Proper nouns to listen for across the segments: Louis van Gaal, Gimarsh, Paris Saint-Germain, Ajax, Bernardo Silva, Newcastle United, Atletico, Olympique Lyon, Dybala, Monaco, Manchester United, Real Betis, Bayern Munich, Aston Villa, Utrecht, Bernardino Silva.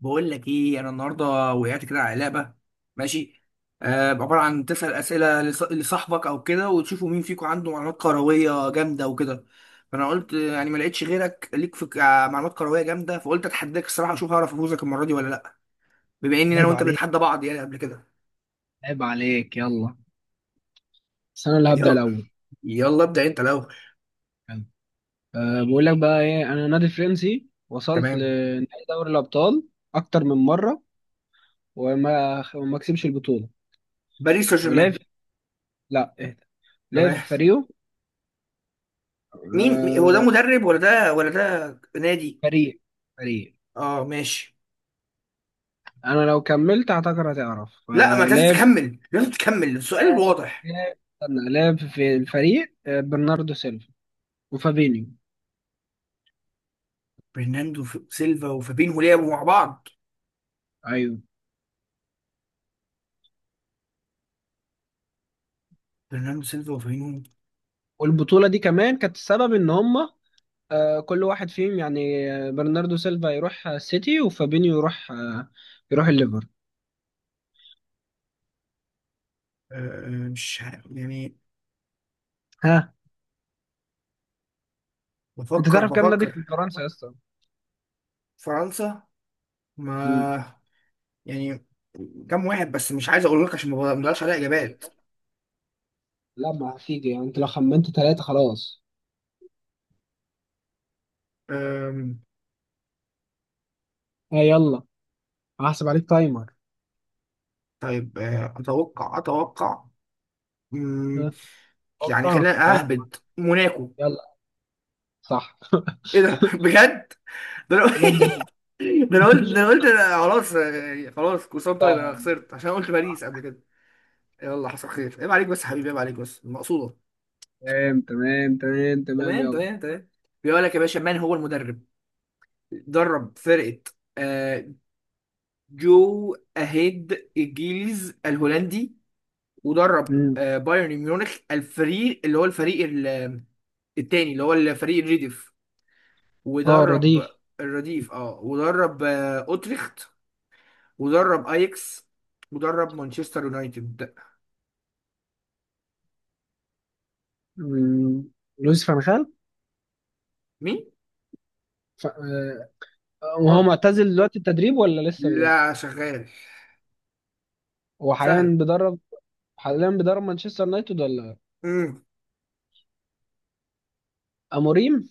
بقول لك ايه انا النهارده وقعت كده على لعبه. ماشي. آه عباره عن تسال اسئله لصاحبك او كده وتشوفوا مين فيكم عنده معلومات كرويه جامده وكده. فانا قلت يعني ما لقيتش غيرك ليك في معلومات كرويه جامده، فقلت اتحداك الصراحه اشوف هعرف افوزك المره دي ولا لا. بما اني انا عيب وانت عليك. بنتحدى بعض يعني قبل كده. عيب عليك، يلا. بس انا اللي هبدأ يلا، الاول. يلا ابدا انت الاول. يلا. بقول لك بقى ايه، انا نادي فرنسي وصلت تمام. لنهائي دوري الابطال اكتر من مره، وما كسبش البطوله باريس سان ولعب. جيرمان. لا، اهدى. لعب في تمام. فريقه. هو ده أه مدرب ولا ده ولا ده نادي؟ فريق فريق. اه ماشي. انا لو كملت اعتقد هتعرف. لا ما انت لازم لعب في- تكمل، لازم تكمل السؤال لعب واضح. لعب- استنى، لعب في الفريق، برناردو سيلفا وفابينيو. برناندو سيلفا وفابينهو لعبوا مع بعض؟ ايوه، برناندو سيلفا وفابينهو. والبطوله دي كمان كانت السبب ان هم كل واحد فيهم يعني، برناردو سيلفا يروح السيتي، وفابينيو يروح يروح الليفر. آه، مش عارف يعني. ها، انت بفكر تعرف كام نادي في بفكر فرنسا يا اسطى؟ فرنسا. مم. ما يعني كام واحد، بس مش عايز اقول لك عشان ما بقدرش عليها اجابات. لا، ما هتيجي يعني، انت لو خمنت ثلاثة خلاص. آم، ها يلا، هحسب عليك تايمر. طيب اتوقع اتوقع. ها، مم، يعني توقع خلينا توقع. اهبد موناكو. يلا، صح. ايه ده بجد؟ ده انا. والله بجد. ده انا قلت أنا خلاص، خلاص كوسام. طيب انا خسرت عشان قلت باريس قبل كده. يلا حصل خير. عيب عليك بس يا حبيبي، عيب عليك بس المقصوده. تمام تمام تمام تمام، تمام يلا. تمام تمام. بيقول لك يا باشا: من هو المدرب؟ درب فرقة آه، جو أهيد الجيلز الهولندي، ودرب مم. بايرن ميونخ، الفريق اللي هو الفريق التاني اللي هو الفريق الرديف، اه، ودرب رديف. الرديف اه، ودرب اوتريخت، ودرب اياكس، ودرب مانشستر يونايتد. مم. لويس فان خال. مين؟ ف... آه، وهو غلط. معتزل دلوقتي التدريب ولا لسه بدأ؟ لا شغال. هو حاليا سهل. بيدرب حاليا بيدرب مانشستر يونايتد ولا امم. اموريم؟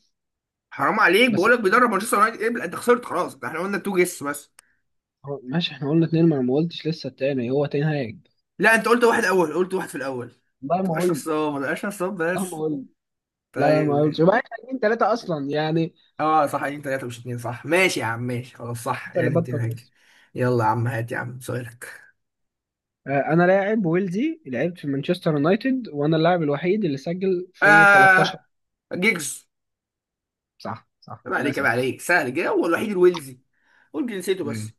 حرام عليك، بس بقول لك بيدرب مانشستر يونايتد. ابلع، انت خسرت خلاص. ده احنا قلنا تو جيس بس. ماشي، احنا قلنا اتنين، ما انا ما قلتش لسه التاني هو تنهاج. لا انت قلت واحد اول، قلت واحد في الاول. ما والله ما تبقاش قلت. نصاب، ما تبقاش نصاب والله بس. ما قلت. لا لا، طيب ما قلتش، ماشي. يبقى احنا اتنين تلاته اصلا يعني. اه صح، اتنين تلاته مش اتنين صح. ماشي يا عم، ماشي خلاص صح، انت اللي يعني اتنين بطل هيك. بس. يلا يا عم، هات يا عم سؤالك. انا لاعب ويلزي، لعبت في مانشستر يونايتد، وانا اللاعب الوحيد اللي سجل في 13. آه. جيجز. صح صح، عيب عليك، عيب للاسف. عليك، سهل جه، هو الوحيد الويلزي. قول جنسيته ماشي. بس.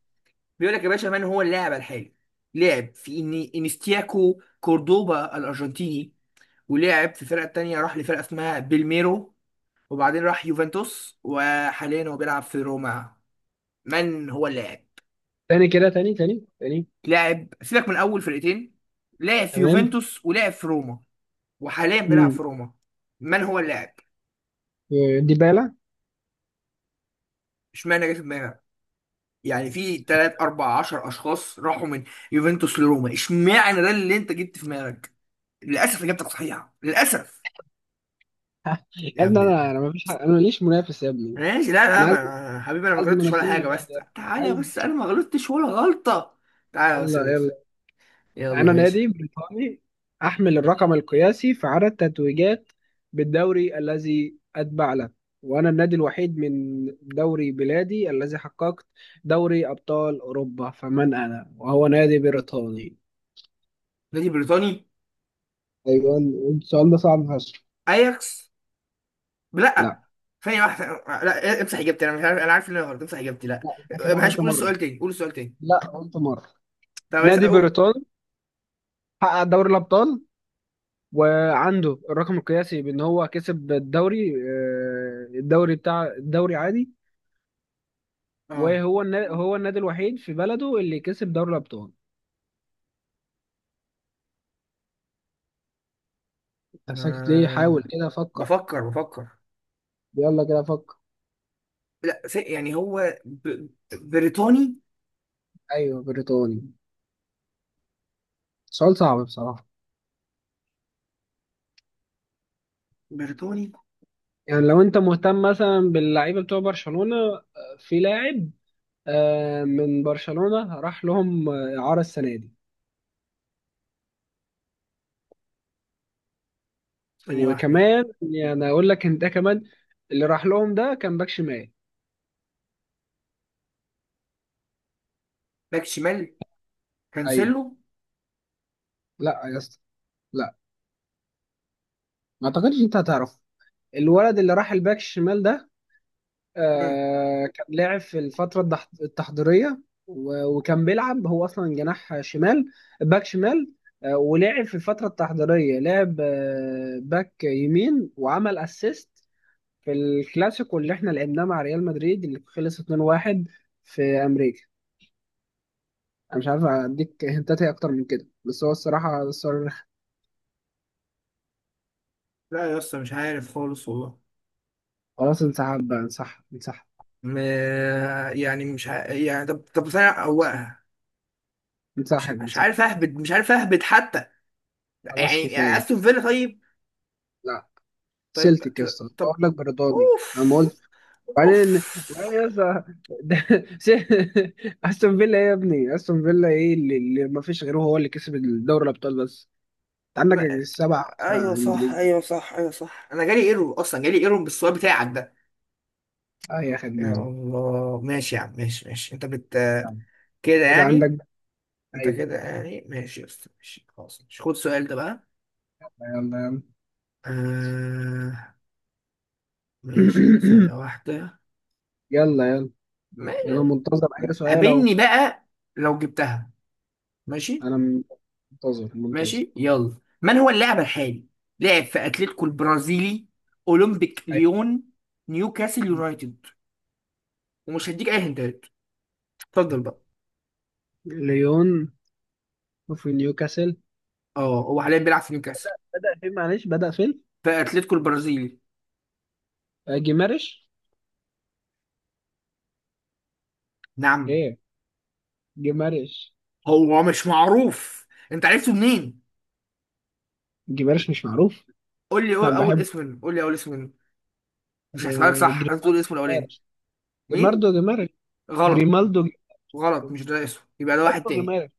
بيقول لك يا باشا: من هو اللاعب الحالي؟ لعب في إني انستياكو كوردوبا الارجنتيني، ولعب في الفرقه التانيه، راح لفرقه اسمها بالميرو، وبعدين راح يوفنتوس، وحاليا هو بيلعب في روما. من هو اللاعب؟ تاني كده، تاني تاني تاني. لعب، سيبك من اول فرقتين. لعب في تمام. يوفنتوس، ولعب في روما، وحاليا بيلعب امم في روما. من هو اللاعب؟ ديبالا. اشمعنى جه في دماغك؟ يعني في 3 4 10 اشخاص راحوا من يوفنتوس لروما، اشمعنى ده اللي انت جبت في دماغك؟ للاسف اجابتك صحيحه للاسف. يا يا ابني، ابن انا انا ما فيش حق. انا ماليش منافس يا ابني. ماشي. لا لا، انا عايز، ما حبيبي انا ما عايز غلطتش ولا منافسين حاجه، بس دلوقتي يا ابني، تعالى عايز. بس، انا ما غلطتش ولا غلطه. تعالى بس يا يلا باشا. يلا. يلا أنا ماشي. نادي بريطاني، أحمل الرقم القياسي في عدد تتويجات بالدوري الذي أتبع له، وأنا النادي الوحيد من دوري بلادي الذي حققت دوري أبطال أوروبا، فمن أنا؟ وهو نادي بريطاني. نادي بريطاني. أيوة. السؤال ده صعب فشخ. اياكس. لا. لا. ثانية واحدة. لا امسح اجابتي، انا مش عارف، انا عارف ان انا غلط، امسح اجابتي، لا. لا، أنت كده معلش، قلت قول مرة. السؤال تاني، قول السؤال تاني. لا، قلت مرة. طب بس نادي اقول بريطاني حقق دوري الأبطال، وعنده الرقم القياسي بأن هو كسب الدوري، الدوري بتاع الدوري عادي. اه. وهو النا... هو النادي الوحيد في بلده اللي كسب دوري الأبطال. أنت ساكت ليه؟ حاول ما... كده فكر. بفكر. يلا كده فكر. لا يعني هو بريطاني. أيوه، بريطاني. سؤال صعب بصراحة. بريطاني. يعني لو أنت مهتم مثلا باللعيبة بتوع برشلونة، في لاعب، من برشلونة راح لهم إعارة السنة دي. ثانية واحدة. وكمان يعني أقول لك أنت كمان، اللي راح لهم ده كان باك شمال. باك شمال. أيوه. كانسيلو. لا يا اسطى. لا، ما أعتقدش أنت هتعرف. الولد اللي راح الباك الشمال ده، مم. آه، كان لاعب في الفترة التحضيرية، و- وكان بيلعب، هو أصلا جناح شمال، باك شمال. ولعب في الفترة التحضيرية، لعب باك يمين وعمل أسيست في الكلاسيكو اللي احنا لعبناه مع ريال مدريد اللي خلص 2-1 في أمريكا. أنا مش عارف أديك هنتات إيه أكتر من كده، بس هو الصراحة الصراحة. لا يا اسطى، مش عارف خالص والله. خلاص، انسحب بقى، انسحب انسحب. م... يعني مش يعني طب طب، ثانية خلاص، هو. مش انسحب مش انسحب. عارف اهبد، مش عارف اهبد حتى. خلاص يعني كفاية. استون فيلا طيب؟ لا، طيب سلتك يا اسطى، أقول طب. لك برداني. أنا ما قلت. اوف. اوف. وبعدين يا اسطى، ده- س- استون فيلا ايه يا ابني؟ استون فيلا ايه اللي, اللي ما فيش غيره هو اللي كسب الدوري الابطال بس، انت عندك ما... السبع فرق ايوه صح، انجليزي. ايوه صح، ايوه صح. انا جالي ايرور اصلا، جالي ايرور بالسؤال بتاعك ده. اه، يا يا خدنا الله ماشي يا عم، ماشي ماشي، انت بت كده كده يعني. عندك. انت ايوه، كده يعني ماشي يا اسطى، ماشي خلاص، مش خد السؤال ده بقى. يلا يلا. آه... ماشي، ثانية واحدة. يلا يلا. يلا، ماشي. منتظر اي سؤال اهو. قابلني بقى لو جبتها. ماشي. انا م- منتظر منتظر. ماشي يلا. من هو اللاعب الحالي؟ لعب في اتلتيكو البرازيلي، اولمبيك أيوة. ليون، نيوكاسل يونايتد. ومش هديك اي هنتات، اتفضل بقى. ليون. في نيوكاسل. اه هو حاليا بيلعب في نيوكاسل. بدأ فين؟ معلش، بدأ فين؟ في اتلتيكو البرازيلي. جيمارش. نعم. ايه؟ جيمارش. هو مش معروف، انت عرفته منين؟ جيمارش مش معروف؟ قول لي انا أول بحبه. اسم منه، قول لي أول اسم منه. مش هحسبها لك آه، صح، لازم تقول جريمالدو اسمه الأولاني. جمارش. مين؟ جماردو جمارش. غلط. جريمالدو جمارش. غلط، مش ده اسمه، يبقى ده واحد اسمه تاني. جمارش.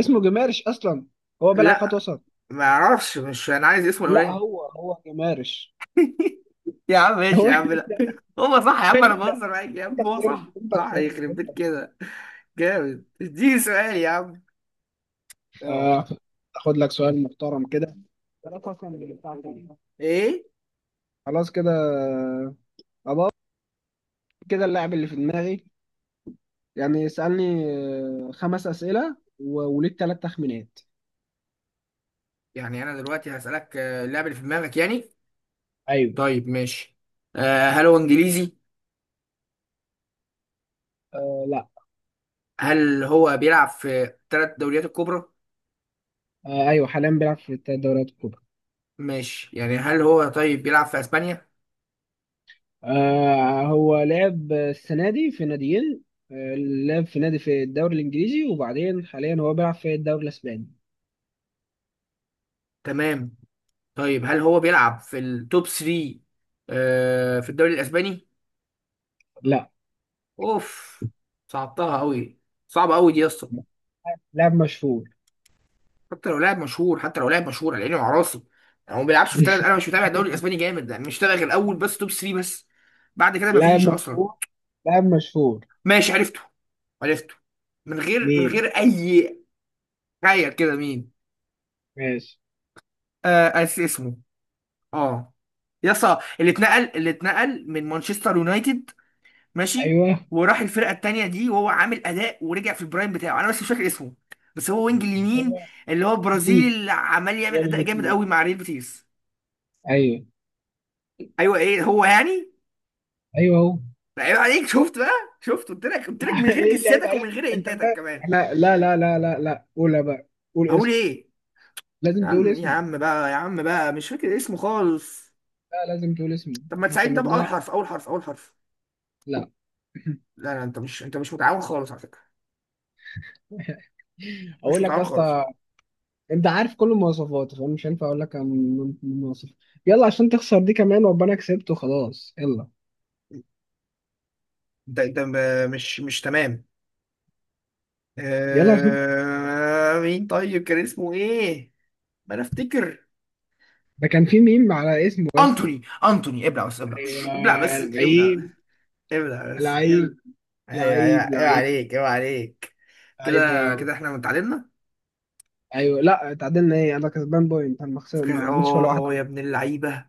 اسمه جمارش اصلا، هو بيلعب خط لا، وسط. ما أعرفش، مش أنا عايز اسمه لا، الأولاني. هو هو جمارش. يا عم ماشي هو يا عم، لا. اللي- هو صح يا عم، انا لا، بهزر معاك يا انت عم، هو خسرت، صح انت صح، خسرت، يخرب انت بيت خسرت. كده. جامد، اديني سؤال يا عم. اه. آه، اخد لك سؤال محترم كده. ثلاثة أصلاً اللي بتاعتك. ايه خلاص كده، كده اللاعب اللي في دماغي، يعني اسألني خمس أسئلة و- وليك ثلاث تخمينات. يعني انا دلوقتي هسألك اللعب اللي في دماغك يعني؟ ايوه. طيب ماشي. هل هو انجليزي؟ آه لا. هل هو بيلعب في ثلاث دوريات الكبرى؟ آه ايوه، حاليا بيلعب في الثلاث دوريات الكبرى. ماشي، يعني هل هو طيب بيلعب في اسبانيا؟ آه، هو لعب السنة دي في ناديين. آه، لعب في نادي في الدوري الإنجليزي، وبعدين حاليا هو بيلعب في الدوري الإسباني. تمام. طيب هل هو بيلعب في التوب 3 في الدوري الاسباني؟ لا. اوف. صعبتها قوي، صعبة قوي دي يا اسطى. لاعب مشهور. حتى لو لاعب مشهور، حتى لو لاعب مشهور على عيني وعلى راسي. يعني هو ما بيلعبش في ثلاث، انا مش متابع الدوري الاسباني جامد، يعني مش متابع غير الاول بس، توب 3 بس، بعد كده ما لاعب فيش اصلا. مشهور. لاعب مشهور. ماشي عرفته، عرفته. من غير، من غير مين؟ اي تخيل كده مين. ماشي. آه أس اسمه اه، يسا، اللي اتنقل من مانشستر يونايتد. ماشي. أيوه وراح الفرقه التانيه دي، وهو عامل اداء ورجع في البرايم بتاعه، انا بس مش فاكر اسمه. بس هو وينج اليمين، أيوه. اللي هو برازيلي، جديد؟ اللي عمال يعمل ريال اداء جامد جديد؟ قوي مع ريال بيتيس. أيوه. ايوه، ايه هو يعني؟ أيوه هو. ده عيب عليك، شفت بقى؟ شفت قلت لك، قلت لك من غير إيه اللي عيب جساتك ومن عليك غير أنت انتاتك بقى؟ كمان. إحنا لا لا لا لا لا، قولها بقى، قول هقول اسم. ايه؟ يا لازم تقول عم يا اسمه. عم بقى، يا عم بقى مش فاكر اسمه خالص. لا، لازم تقول اسمه، طب ما إحنا تساعدني كنا ده بأول بنلعب. حرف، أول حرف، أول حرف. لا. لا لا، أنت مش أنت مش متعاون خالص على فكرة، مش اقول لك يا متعاون خالص. اسطى، انت عارف كل المواصفات، فانا مش هينفع اقول لك عن المواصفات. يلا عشان تخسر دي كمان، وابقى انا كسبت وخلاص، يلا. أنت أنت مش تمام. يلا عشان مين طيب، كان اسمه إيه؟ ما أنا أفتكر. ده كان في ميم على اسمه يا اسطى. أنتوني، أنتوني، ابلع بس، ابلع ايوه. شش، ابلع بس، ابلع بس. لعيب. ابلع بس. لعيب أيوه أيوه لعيب. أيوه لعيب. عليك، أيوه عليك. لعيب. كده كده إحنا متعادلنا. ايوه، لا اتعادلنا ايه، انا كسبان بوينت، انا ما عملتش ولا اه واحده. يا ابن اللعيبه.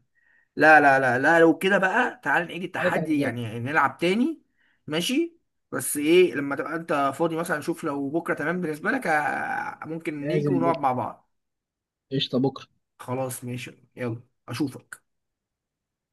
لا لا لا لا، لو كده بقى تعال نعيد عليك انا التحدي مزاج. يعني، نلعب تاني. ماشي. بس ايه، لما تبقى انت فاضي مثلا شوف، لو بكره تمام بالنسبه لك ممكن نيجي لازم ونقعد بكره. مع بعض. قشطه بكره. خلاص ماشي. يلا. اشوفك.